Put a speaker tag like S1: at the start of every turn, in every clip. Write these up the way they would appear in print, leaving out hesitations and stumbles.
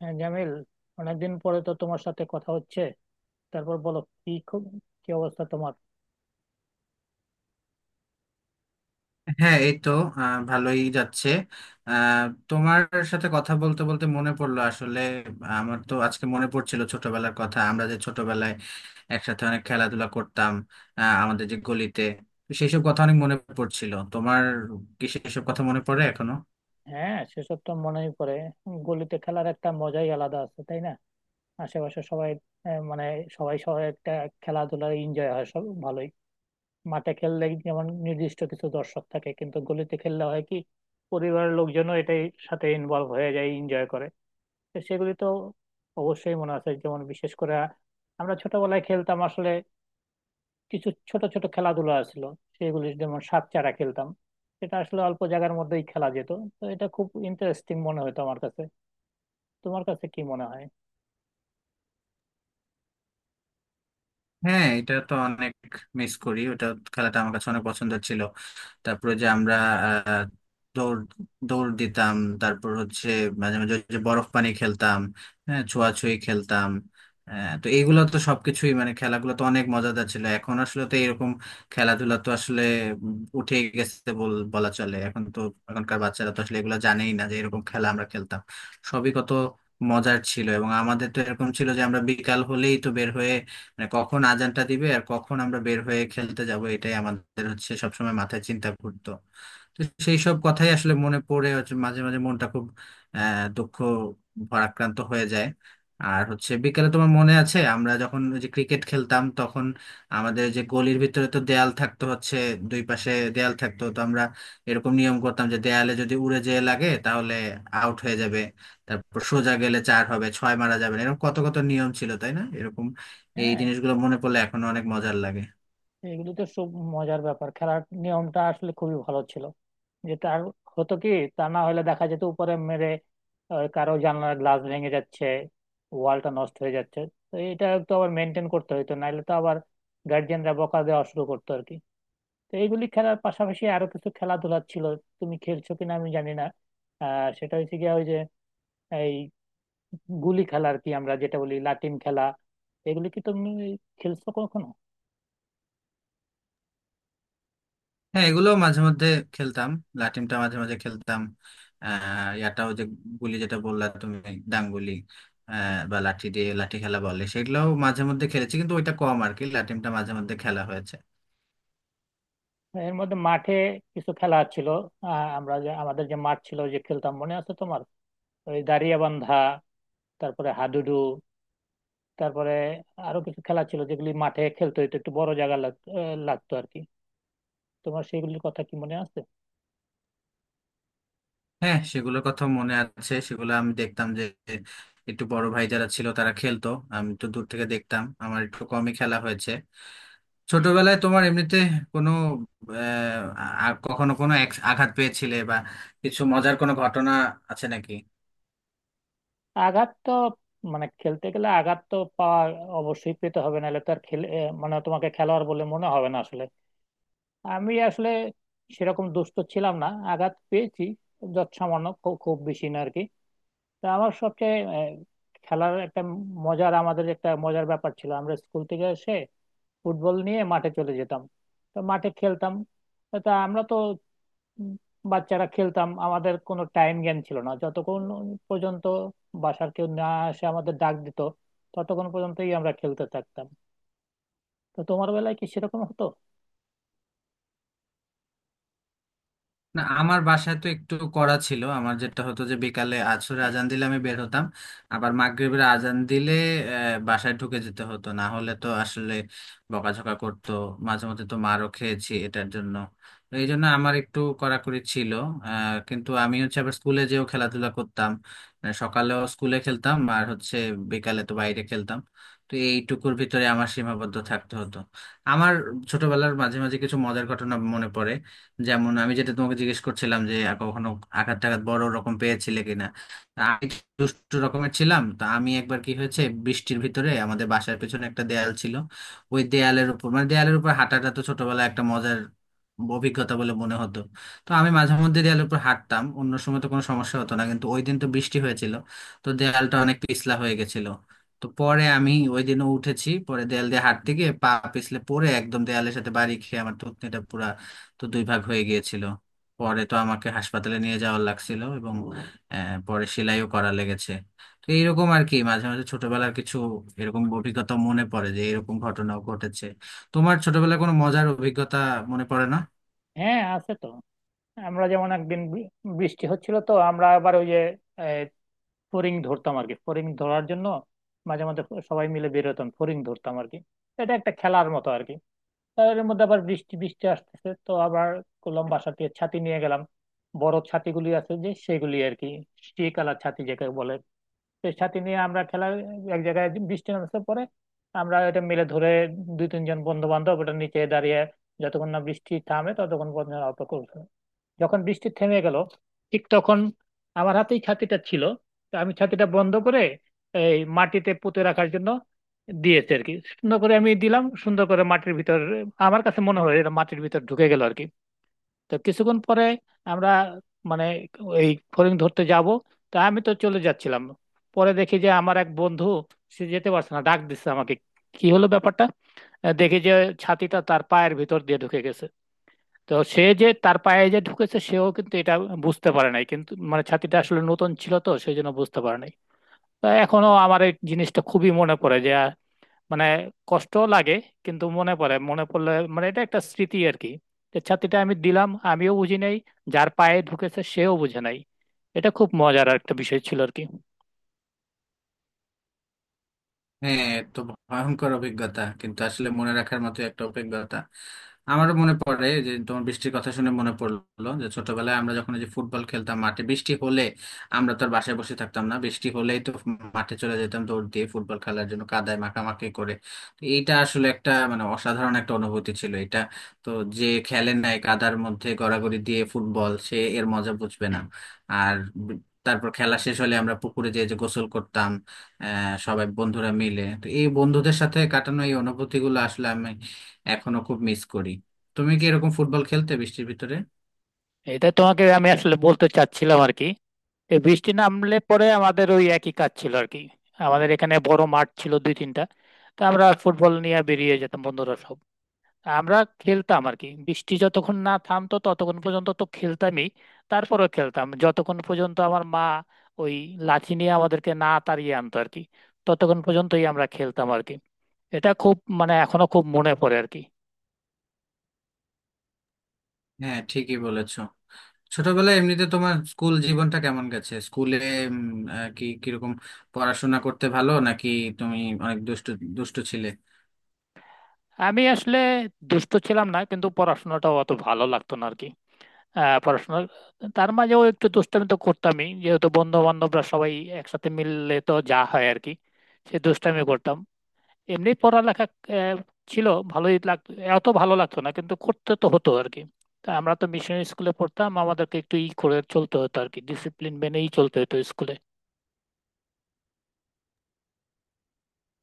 S1: হ্যাঁ জামিল, অনেকদিন পরে তো তোমার সাথে কথা হচ্ছে। তারপর বলো, কি খব- কি অবস্থা তোমার।
S2: হ্যাঁ, এই তো ভালোই যাচ্ছে। আহ, তোমার সাথে কথা বলতে বলতে মনে পড়লো আসলে, আমার তো আজকে মনে পড়ছিল ছোটবেলার কথা, আমরা যে ছোটবেলায় একসাথে অনেক খেলাধুলা করতাম আমাদের যে গলিতে। তো সেইসব কথা অনেক মনে পড়ছিল। তোমার কি সেসব কথা মনে পড়ে এখনো?
S1: হ্যাঁ, সেসব তো মনেই পড়ে। গলিতে খেলার একটা মজাই আলাদা আছে, তাই না? আশেপাশে সবাই মানে সবাই সবাই একটা খেলাধুলার এনজয় হয়, সব ভালোই। মাঠে খেললে যেমন নির্দিষ্ট কিছু দর্শক থাকে, কিন্তু গলিতে খেললে হয় কি, পরিবারের লোকজনও এটাই সাথে ইনভলভ হয়ে যায়, এনজয় করে। তো সেগুলি তো অবশ্যই মনে আছে। যেমন বিশেষ করে আমরা ছোটবেলায় খেলতাম আসলে কিছু ছোট ছোট খেলাধুলা আসলো, সেগুলো যেমন সাপ চাড়া খেলতাম। সেটা আসলে অল্প জায়গার মধ্যেই খেলা যেত, তো এটা খুব ইন্টারেস্টিং মনে হতো আমার কাছে। তোমার কাছে কি মনে হয়?
S2: হ্যাঁ, এটা তো অনেক মিস করি ওটা, খেলাটা আমার কাছে অনেক পছন্দের ছিল। তারপরে যে আমরা আহ, দৌড় দৌড় দিতাম। তারপর হচ্ছে মাঝে মাঝে ওই যে বরফ পানি খেলতাম, হ্যাঁ ছোঁয়াছুঁয়ি খেলতাম। তো এইগুলো তো সবকিছুই, মানে খেলাগুলো তো অনেক মজাদার ছিল। এখন আসলে তো এরকম খেলাধুলা তো আসলে উঠে গেছে বলা চলে। এখন তো এখনকার বাচ্চারা তো আসলে এগুলো জানেই না যে এরকম খেলা আমরা খেলতাম। সবই কত মজার ছিল, এবং আমাদের তো এরকম ছিল যে আমরা বিকাল হলেই তো বের হয়ে, মানে কখন আজানটা দিবে আর কখন আমরা বের হয়ে খেলতে যাব, এটাই আমাদের হচ্ছে সবসময় মাথায় চিন্তা ঘুরতো। তো সেই সব কথাই আসলে মনে পড়ে হচ্ছে, মাঝে মাঝে মনটা খুব দুঃখ ভারাক্রান্ত হয়ে যায়। আর হচ্ছে বিকেলে, তোমার মনে আছে আমরা যখন ওই যে ক্রিকেট খেলতাম তখন আমাদের যে গলির ভিতরে তো দেয়াল থাকতো হচ্ছে, দুই পাশে দেয়াল থাকতো, তো আমরা এরকম নিয়ম করতাম যে দেয়ালে যদি উড়ে যেয়ে লাগে তাহলে আউট হয়ে যাবে। তারপর সোজা গেলে চার হবে, ছয় মারা যাবে না। এরকম কত কত নিয়ম ছিল, তাই না এরকম? এই
S1: হ্যাঁ,
S2: জিনিসগুলো মনে পড়লে এখনো অনেক মজার লাগে।
S1: এগুলো তো সব মজার ব্যাপার। খেলার নিয়মটা আসলে খুবই ভালো ছিল, যে তার হতো কি, তা না হলে দেখা যেত উপরে মেরে কারো জানলার গ্লাস ভেঙে যাচ্ছে, ওয়ালটা নষ্ট হয়ে যাচ্ছে। তো এটা তো আবার মেনটেন করতে হতো, নাহলে তো আবার গার্জিয়ানরা বকা দেওয়া শুরু করতো আর কি। তো এইগুলি খেলার পাশাপাশি আরো কিছু খেলাধুলা ছিল, তুমি খেলছো কিনা আমি জানি না। আর সেটা হচ্ছে গিয়া ওই যে এই গুলি খেলা আর কি, আমরা যেটা বলি লাটিম খেলা। এগুলি কি তুমি খেলছো কখনো?
S2: হ্যাঁ, এগুলো মাঝে মধ্যে খেলতাম, লাটিমটা মাঝে মাঝে খেলতাম। ইয়াটাও যে গুলি যেটা বললা তুমি, ডাংগুলি, বা লাঠি দিয়ে লাঠি খেলা বলে, সেগুলোও মাঝে মধ্যে খেলেছি, কিন্তু ওইটা কম আর কি, লাটিমটা মাঝে মধ্যে খেলা হয়েছে।
S1: এর মধ্যে মাঠে কিছু খেলা ছিল, আমরা যে আমাদের যে মাঠ ছিল যে খেলতাম, মনে আছে তোমার? ওই দাঁড়িয়া বান্ধা, তারপরে হাডুডু, তারপরে আরো কিছু খেলা ছিল যেগুলি মাঠে খেলতে হতো, একটু বড় জায়গা লাগতো আর কি। তোমার সেগুলির কথা কি মনে আছে?
S2: হ্যাঁ, সেগুলোর কথা মনে আছে। সেগুলো আমি দেখতাম যে একটু বড় ভাই যারা ছিল তারা খেলতো, আমি তো দূর থেকে দেখতাম, আমার একটু কমই খেলা হয়েছে। ছোটবেলায় তোমার এমনিতে কোনো আহ কখনো কোনো আঘাত পেয়েছিলে বা কিছু মজার কোনো ঘটনা আছে নাকি?
S1: আঘাত তো, মানে খেলতে গেলে আঘাত তো পাওয়া অবশ্যই পেতে হবে, নাহলে তো আর খেলে মানে তোমাকে খেলোয়াড় বলে মনে হবে না আসলে। আমি আসলে সেরকম দুষ্ট ছিলাম না, আঘাত পেয়েছি যৎসামান্য, খুব বেশি না আর কি। তা আমার সবচেয়ে খেলার একটা মজার, আমাদের একটা মজার ব্যাপার ছিল, আমরা স্কুল থেকে এসে ফুটবল নিয়ে মাঠে চলে যেতাম। তো মাঠে খেলতাম, তা আমরা তো উম, বাচ্চারা খেলতাম, আমাদের কোনো টাইম জ্ঞান ছিল না। যতক্ষণ পর্যন্ত বাসার কেউ না এসে আমাদের ডাক দিত, ততক্ষণ পর্যন্তই আমরা খেলতে থাকতাম। তো তোমার বেলায় কি সেরকম হতো?
S2: না, আমার বাসায় তো একটু করা ছিল। আমার যেটা হতো যে বিকালে আসরে আজান দিলে আমি বের হতাম, আবার মাগরিবের আজান দিলে বাসায় ঢুকে যেতে হতো, না হলে তো আসলে বকাঝকা করতো। মাঝে মধ্যে তো মারও খেয়েছি এটার জন্য, তো এই জন্য আমার একটু কড়াকড়ি ছিল। কিন্তু আমি হচ্ছে আবার স্কুলে যেও খেলাধুলা করতাম, সকালেও স্কুলে খেলতাম আর হচ্ছে বিকালে তো বাইরে খেলতাম। তো এইটুকুর ভিতরে আমার সীমাবদ্ধ থাকতে হতো। আমার ছোটবেলার মাঝে মাঝে কিছু মজার ঘটনা মনে পড়ে। যেমন আমি যেটা তোমাকে জিজ্ঞেস করছিলাম যে আর কখনো আঘাত টাঘাত বড় রকম পেয়েছিলে কিনা, তা আমি একটু দুষ্টু রকমের ছিলাম। তা আমি একবার কি হয়েছে, বৃষ্টির ভিতরে আমাদের বাসার পেছনে একটা দেয়াল ছিল, ওই দেয়ালের উপর মানে দেয়ালের উপর হাঁটাটা তো ছোটবেলায় একটা মজার অভিজ্ঞতা বলে মনে হতো। তো আমি মাঝে মধ্যে দেয়ালের উপর হাঁটতাম, অন্য সময় তো কোনো সমস্যা হতো না, কিন্তু ওই দিন তো বৃষ্টি হয়েছিল, তো দেয়ালটা অনেক পিছলা হয়ে গেছিল। তো পরে আমি ওই দিনও উঠেছি, পরে দেয়াল দিয়ে হাঁটতে গিয়ে পা পিছলে পড়ে একদম দেয়ালের সাথে বাড়ি খেয়ে আমার থুতনিটা পুরা তো দুই ভাগ হয়ে গিয়েছিল। পরে তো আমাকে হাসপাতালে নিয়ে যাওয়ার লাগছিল, এবং পরে সেলাইও করা লেগেছে। তো এইরকম আর কি, মাঝে মাঝে ছোটবেলার কিছু এরকম অভিজ্ঞতা মনে পড়ে যে এরকম ঘটনাও ঘটেছে। তোমার ছোটবেলায় কোনো মজার অভিজ্ঞতা মনে পড়ে না?
S1: হ্যাঁ, আছে তো। আমরা যেমন একদিন বৃষ্টি হচ্ছিল, তো আমরা আবার ওই যে আহ, ফড়িং ধরতাম আর কি। ফড়িং ধরার জন্য মাঝে মাঝে সবাই মিলে বের হতাম, ফড়িং ধরতাম আর কি, এটা একটা খেলার মতো আর কি। তার এর মধ্যে আবার বৃষ্টি বৃষ্টি আসতেছে, তো আবার করলাম বাসা থেকে ছাতি নিয়ে গেলাম। বড় ছাতিগুলি আছে যে, সেগুলি আর কি, কালার ছাতি যেটাকে বলে। তো ছাতি নিয়ে আমরা খেলা, এক জায়গায় বৃষ্টি নামছে, পরে আমরা এটা মিলে ধরে দুই তিনজন বন্ধু বান্ধব ওটা নিচে দাঁড়িয়ে যতক্ষণ না বৃষ্টি থামে ততক্ষণ পর্যন্ত অপেক্ষা করছে। যখন বৃষ্টি থেমে গেল, ঠিক তখন আমার হাতেই ছাতিটা ছিল, তো আমি ছাতিটা বন্ধ করে এই মাটিতে পুঁতে রাখার জন্য দিয়েছে আর কি। সুন্দর করে আমি দিলাম সুন্দর করে মাটির ভিতর, আমার কাছে মনে হয় এটা মাটির ভিতর ঢুকে গেল আর কি। তো কিছুক্ষণ পরে আমরা মানে এই ফড়িং ধরতে যাব, তা আমি তো চলে যাচ্ছিলাম, পরে দেখি যে আমার এক বন্ধু সে যেতে পারছে না, ডাক দিচ্ছে আমাকে, কি হলো ব্যাপারটা। দেখি যে ছাতিটা তার পায়ের ভিতর দিয়ে ঢুকে গেছে। তো সে যে তার পায়ে যে ঢুকেছে, সেও কিন্তু এটা বুঝতে পারে নাই, কিন্তু মানে ছাতিটা আসলে নতুন ছিল, তো সেই জন্য বুঝতে পারে নাই। তো এখনো আমার এই জিনিসটা খুবই মনে পড়ে, যে মানে কষ্ট লাগে, কিন্তু মনে পড়ে। মনে পড়লে মানে এটা একটা স্মৃতি আর কি, যে ছাতিটা আমি দিলাম, আমিও বুঝি নাই, যার পায়ে ঢুকেছে সেও বুঝে নাই, এটা খুব মজার একটা বিষয় ছিল আর কি।
S2: হ্যাঁ, এ তো ভয়ঙ্কর অভিজ্ঞতা, কিন্তু আসলে মনে রাখার মতো একটা অভিজ্ঞতা। আমারও মনে পড়ে যে তোমার বৃষ্টির কথা শুনে মনে পড়লো যে ছোটবেলায় আমরা যখন এই যে ফুটবল খেলতাম মাঠে, বৃষ্টি হলে আমরা তো আর বাসায় বসে থাকতাম না, বৃষ্টি হলেই তো মাঠে চলে যেতাম দৌড় দিয়ে ফুটবল খেলার জন্য, কাদায় মাখামাখি করে। তো এইটা আসলে একটা মানে অসাধারণ একটা অনুভূতি ছিল এটা। তো যে খেলে নাই কাদার মধ্যে গড়াগড়ি দিয়ে ফুটবল, সে এর মজা বুঝবে না। আর বি- তারপর খেলা শেষ হলে আমরা পুকুরে যেয়ে যে গোসল করতাম, সবাই বন্ধুরা মিলে। তো এই বন্ধুদের সাথে কাটানো এই অনুভূতিগুলো আসলে আমি এখনো খুব মিস করি। তুমি কি এরকম ফুটবল খেলতে বৃষ্টির ভিতরে?
S1: এটা তোমাকে আমি আসলে বলতে চাচ্ছিলাম আর কি, এই বৃষ্টি নামলে পরে আমাদের ওই একই কাজ ছিল আর কি। আমাদের এখানে বড় মাঠ ছিল দুই তিনটা, তো আমরা ফুটবল নিয়ে বেরিয়ে যেতাম বন্ধুরা সব। আমরা খেলতাম আর কি, বৃষ্টি যতক্ষণ না থামতো ততক্ষণ পর্যন্ত তো খেলতামই। তারপরেও খেলতাম যতক্ষণ পর্যন্ত আমার মা ওই লাঠি নিয়ে আমাদেরকে না তাড়িয়ে আনতো আর কি, ততক্ষণ পর্যন্তই আমরা খেলতাম আর কি। এটা খুব মানে এখনো খুব মনে পড়ে আর কি।
S2: হ্যাঁ, ঠিকই বলেছো। ছোটবেলায় এমনিতে তোমার স্কুল জীবনটা কেমন গেছে, স্কুলে উম, কি কিরকম পড়াশোনা করতে, ভালো নাকি? তুমি অনেক দুষ্ট দুষ্ট ছিলে?
S1: আমি আসলে দুষ্ট ছিলাম না, কিন্তু পড়াশোনাটাও অত ভালো লাগতো না। আহ পড়াশোনা, তার মাঝেও একটু দুষ্টামি তো করতামই, যেহেতু বন্ধু বান্ধবরা সবাই একসাথে মিললে তো যা হয় আর কি, সে দুষ্টামি করতাম। এমনি পড়ালেখা আহ, ছিল, ভালোই লাগতো। এত ভালো লাগতো না, কিন্তু করতে তো হতো আর কি। তা আমরা তো মিশনারি স্কুলে পড়তাম, আমাদেরকে একটু ই করে চলতে হতো আর কি, ডিসিপ্লিন মেনেই চলতে হতো স্কুলে।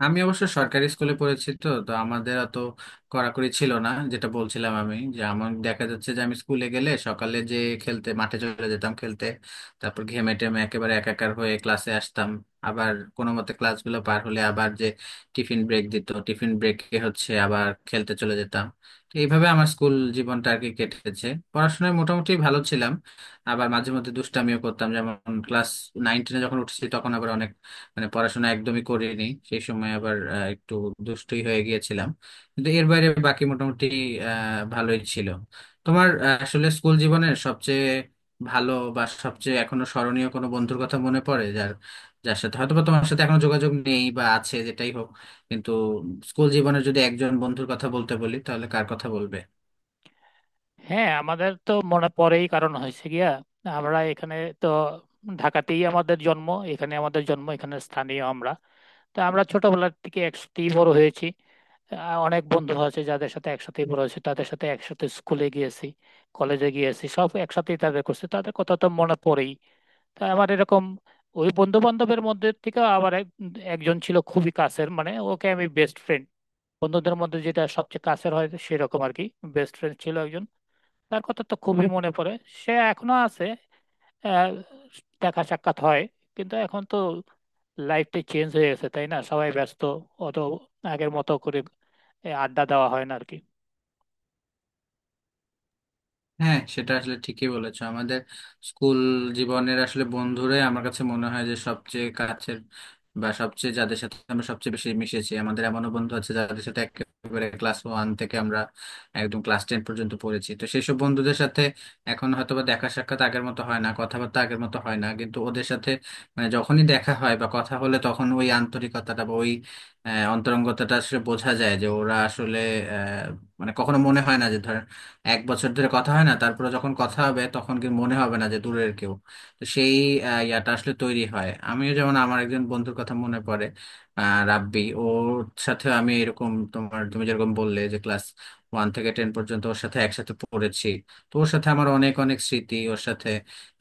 S2: আমি অবশ্য সরকারি স্কুলে পড়েছি, তো তো আমাদের অত কড়াকড়ি ছিল না। যেটা বলছিলাম আমি, যে আমার দেখা যাচ্ছে যে আমি স্কুলে গেলে সকালে যে খেলতে মাঠে চলে যেতাম খেলতে, তারপর ঘেমে টেমে একেবারে একাকার হয়ে ক্লাসে আসতাম। আবার কোনো মতে ক্লাসগুলো পার হলে আবার যে টিফিন ব্রেক দিত, টিফিন ব্রেকে হচ্ছে আবার খেলতে চলে যেতাম। তো এইভাবে আমার স্কুল জীবনটা আর কি কেটেছে। পড়াশোনায় মোটামুটি ভালো ছিলাম, আবার মাঝে মধ্যে দুষ্টামিও করতাম। যেমন ক্লাস নাইন টেনে যখন উঠেছি তখন আবার অনেক, মানে পড়াশোনা একদমই করিনি। সেই সময় আবার একটু দুষ্টুই হয়ে গিয়েছিলাম। কিন্তু এর বাইরে বাকি মোটামুটি আহ ভালোই ছিল। তোমার আসলে স্কুল জীবনের সবচেয়ে ভালো বা সবচেয়ে এখনো স্মরণীয় কোনো বন্ধুর কথা মনে পড়ে, যার যার সাথে হয়তোবা তোমার সাথে এখনো যোগাযোগ নেই বা আছে, যেটাই হোক, কিন্তু স্কুল জীবনের যদি একজন বন্ধুর কথা বলতে বলি তাহলে কার কথা বলবে?
S1: হ্যাঁ, আমাদের তো মনে পড়েই, কারণ হয়েছে গিয়া আমরা এখানে, তো ঢাকাতেই আমাদের জন্ম, এখানে আমাদের জন্ম, এখানে স্থানীয় আমরা। তো আমরা ছোটবেলার থেকে একসাথেই বড় হয়েছি। অনেক বন্ধু আছে যাদের সাথে একসাথে বড় হয়েছে, তাদের সাথে একসাথে স্কুলে গিয়েছি, কলেজে গিয়েছি, সব একসাথেই তাদের করছে, তাদের কথা তো মনে পড়েই। তা আমার এরকম ওই বন্ধু বান্ধবের মধ্যে থেকে আবার একজন ছিল খুবই কাছের, মানে ওকে আমি বেস্ট ফ্রেন্ড, বন্ধুদের মধ্যে যেটা সবচেয়ে কাছের হয় সেরকম আর কি, বেস্ট ফ্রেন্ড ছিল একজন। তার কথা তো খুবই মনে পড়ে, সে এখনো আছে, আহ, দেখা সাক্ষাৎ হয়। কিন্তু এখন তো লাইফটা চেঞ্জ হয়ে গেছে, তাই না? সবাই ব্যস্ত, অত আগের মতো করে আড্ডা দেওয়া হয় না আর কি।
S2: হ্যাঁ, সেটা আসলে ঠিকই বলেছো। আমাদের স্কুল জীবনের আসলে বন্ধুরাই আমার কাছে মনে হয় যে সবচেয়ে কাছের, বা সবচেয়ে যাদের সাথে আমরা সবচেয়ে বেশি মিশেছি। আমাদের এমনও বন্ধু আছে যাদের সাথে একেবারে ক্লাস ওয়ান থেকে আমরা একদম ক্লাস টেন পর্যন্ত পড়েছি। তো সেই সব বন্ধুদের সাথে এখন হয়তোবা দেখা সাক্ষাৎ আগের মতো হয় না, কথাবার্তা আগের মতো হয় না, কিন্তু ওদের সাথে মানে যখনই দেখা হয় বা কথা হলে তখন ওই আন্তরিকতাটা বা ওই অন্তরঙ্গতাটা আসলে বোঝা যায় যে ওরা আসলে আহ, মানে কখনো মনে হয় না যে ধরেন 1 বছর ধরে কথা হয় না, তারপরে যখন কথা হবে তখন কি মনে হবে না যে দূরের কেউ। তো সেই ইয়াটা আসলে তৈরি হয়। আমিও যেমন আমার একজন বন্ধুর কথা মনে পড়ে, রাব্বি, ওর সাথে আমি এরকম তোমার তুমি যেরকম বললে যে ক্লাস ওয়ান থেকে টেন পর্যন্ত ওর সাথে একসাথে পড়েছি। তো ওর সাথে আমার অনেক অনেক স্মৃতি। ওর সাথে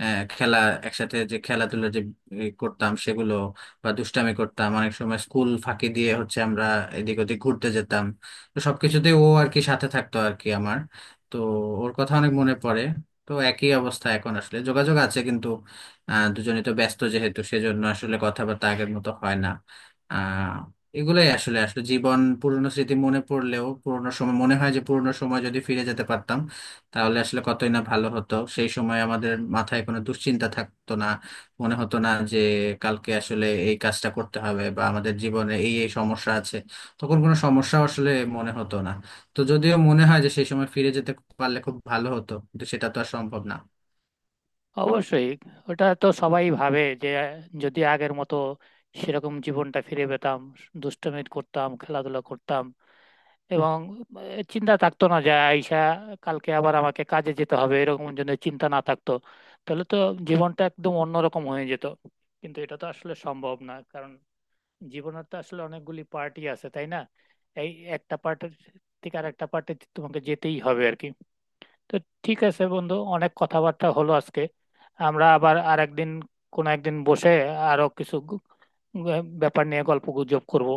S2: খেলা, একসাথে যে খেলাধুলা যে করতাম সেগুলো, বা দুষ্টামি করতাম, অনেক সময় স্কুল ফাঁকি দিয়ে হচ্ছে আমরা এদিক ওদিক ঘুরতে যেতাম। তো সবকিছুতেই ও আর কি সাথে থাকতো আর কি আমার। তো ওর কথা অনেক মনে পড়ে। তো একই অবস্থা, এখন আসলে যোগাযোগ আছে কিন্তু দুজনে তো ব্যস্ত যেহেতু, সেজন্য আসলে কথাবার্তা আগের মতো হয় না। আহ এগুলোই আসলে আসলে জীবন। পুরনো স্মৃতি মনে পড়লেও পুরনো সময় মনে হয়, যে পুরনো সময় যদি ফিরে যেতে পারতাম তাহলে আসলে কতই না ভালো হতো। সেই সময় আমাদের মাথায় কোনো দুশ্চিন্তা থাকতো না, মনে হতো না যে কালকে আসলে এই কাজটা করতে হবে, বা আমাদের জীবনে এই এই সমস্যা আছে। তখন কোনো সমস্যা আসলে মনে হতো না। তো যদিও মনে হয় যে সেই সময় ফিরে যেতে পারলে খুব ভালো হতো, কিন্তু সেটা তো আর সম্ভব না।
S1: অবশ্যই, ওটা তো সবাই ভাবে যে যদি আগের মতো সেরকম জীবনটা ফিরে পেতাম, দুষ্টুমি করতাম, খেলাধুলা করতাম, এবং চিন্তা থাকতো না যে আইসা কালকে আবার আমাকে কাজে যেতে হবে, এরকম জন্য চিন্তা না থাকতো, তাহলে তো জীবনটা একদম অন্যরকম হয়ে যেত। কিন্তু এটা তো আসলে সম্ভব না, কারণ জীবনের তো আসলে অনেকগুলি পার্টি আছে, তাই না? এই একটা পার্টির থেকে আর একটা পার্টি তোমাকে যেতেই হবে আর কি। তো ঠিক আছে বন্ধু, অনেক কথাবার্তা হলো আজকে। আমরা আবার আরেকদিন, কোনো একদিন বসে আরো কিছু ব্যাপার নিয়ে গল্প গুজব করবো।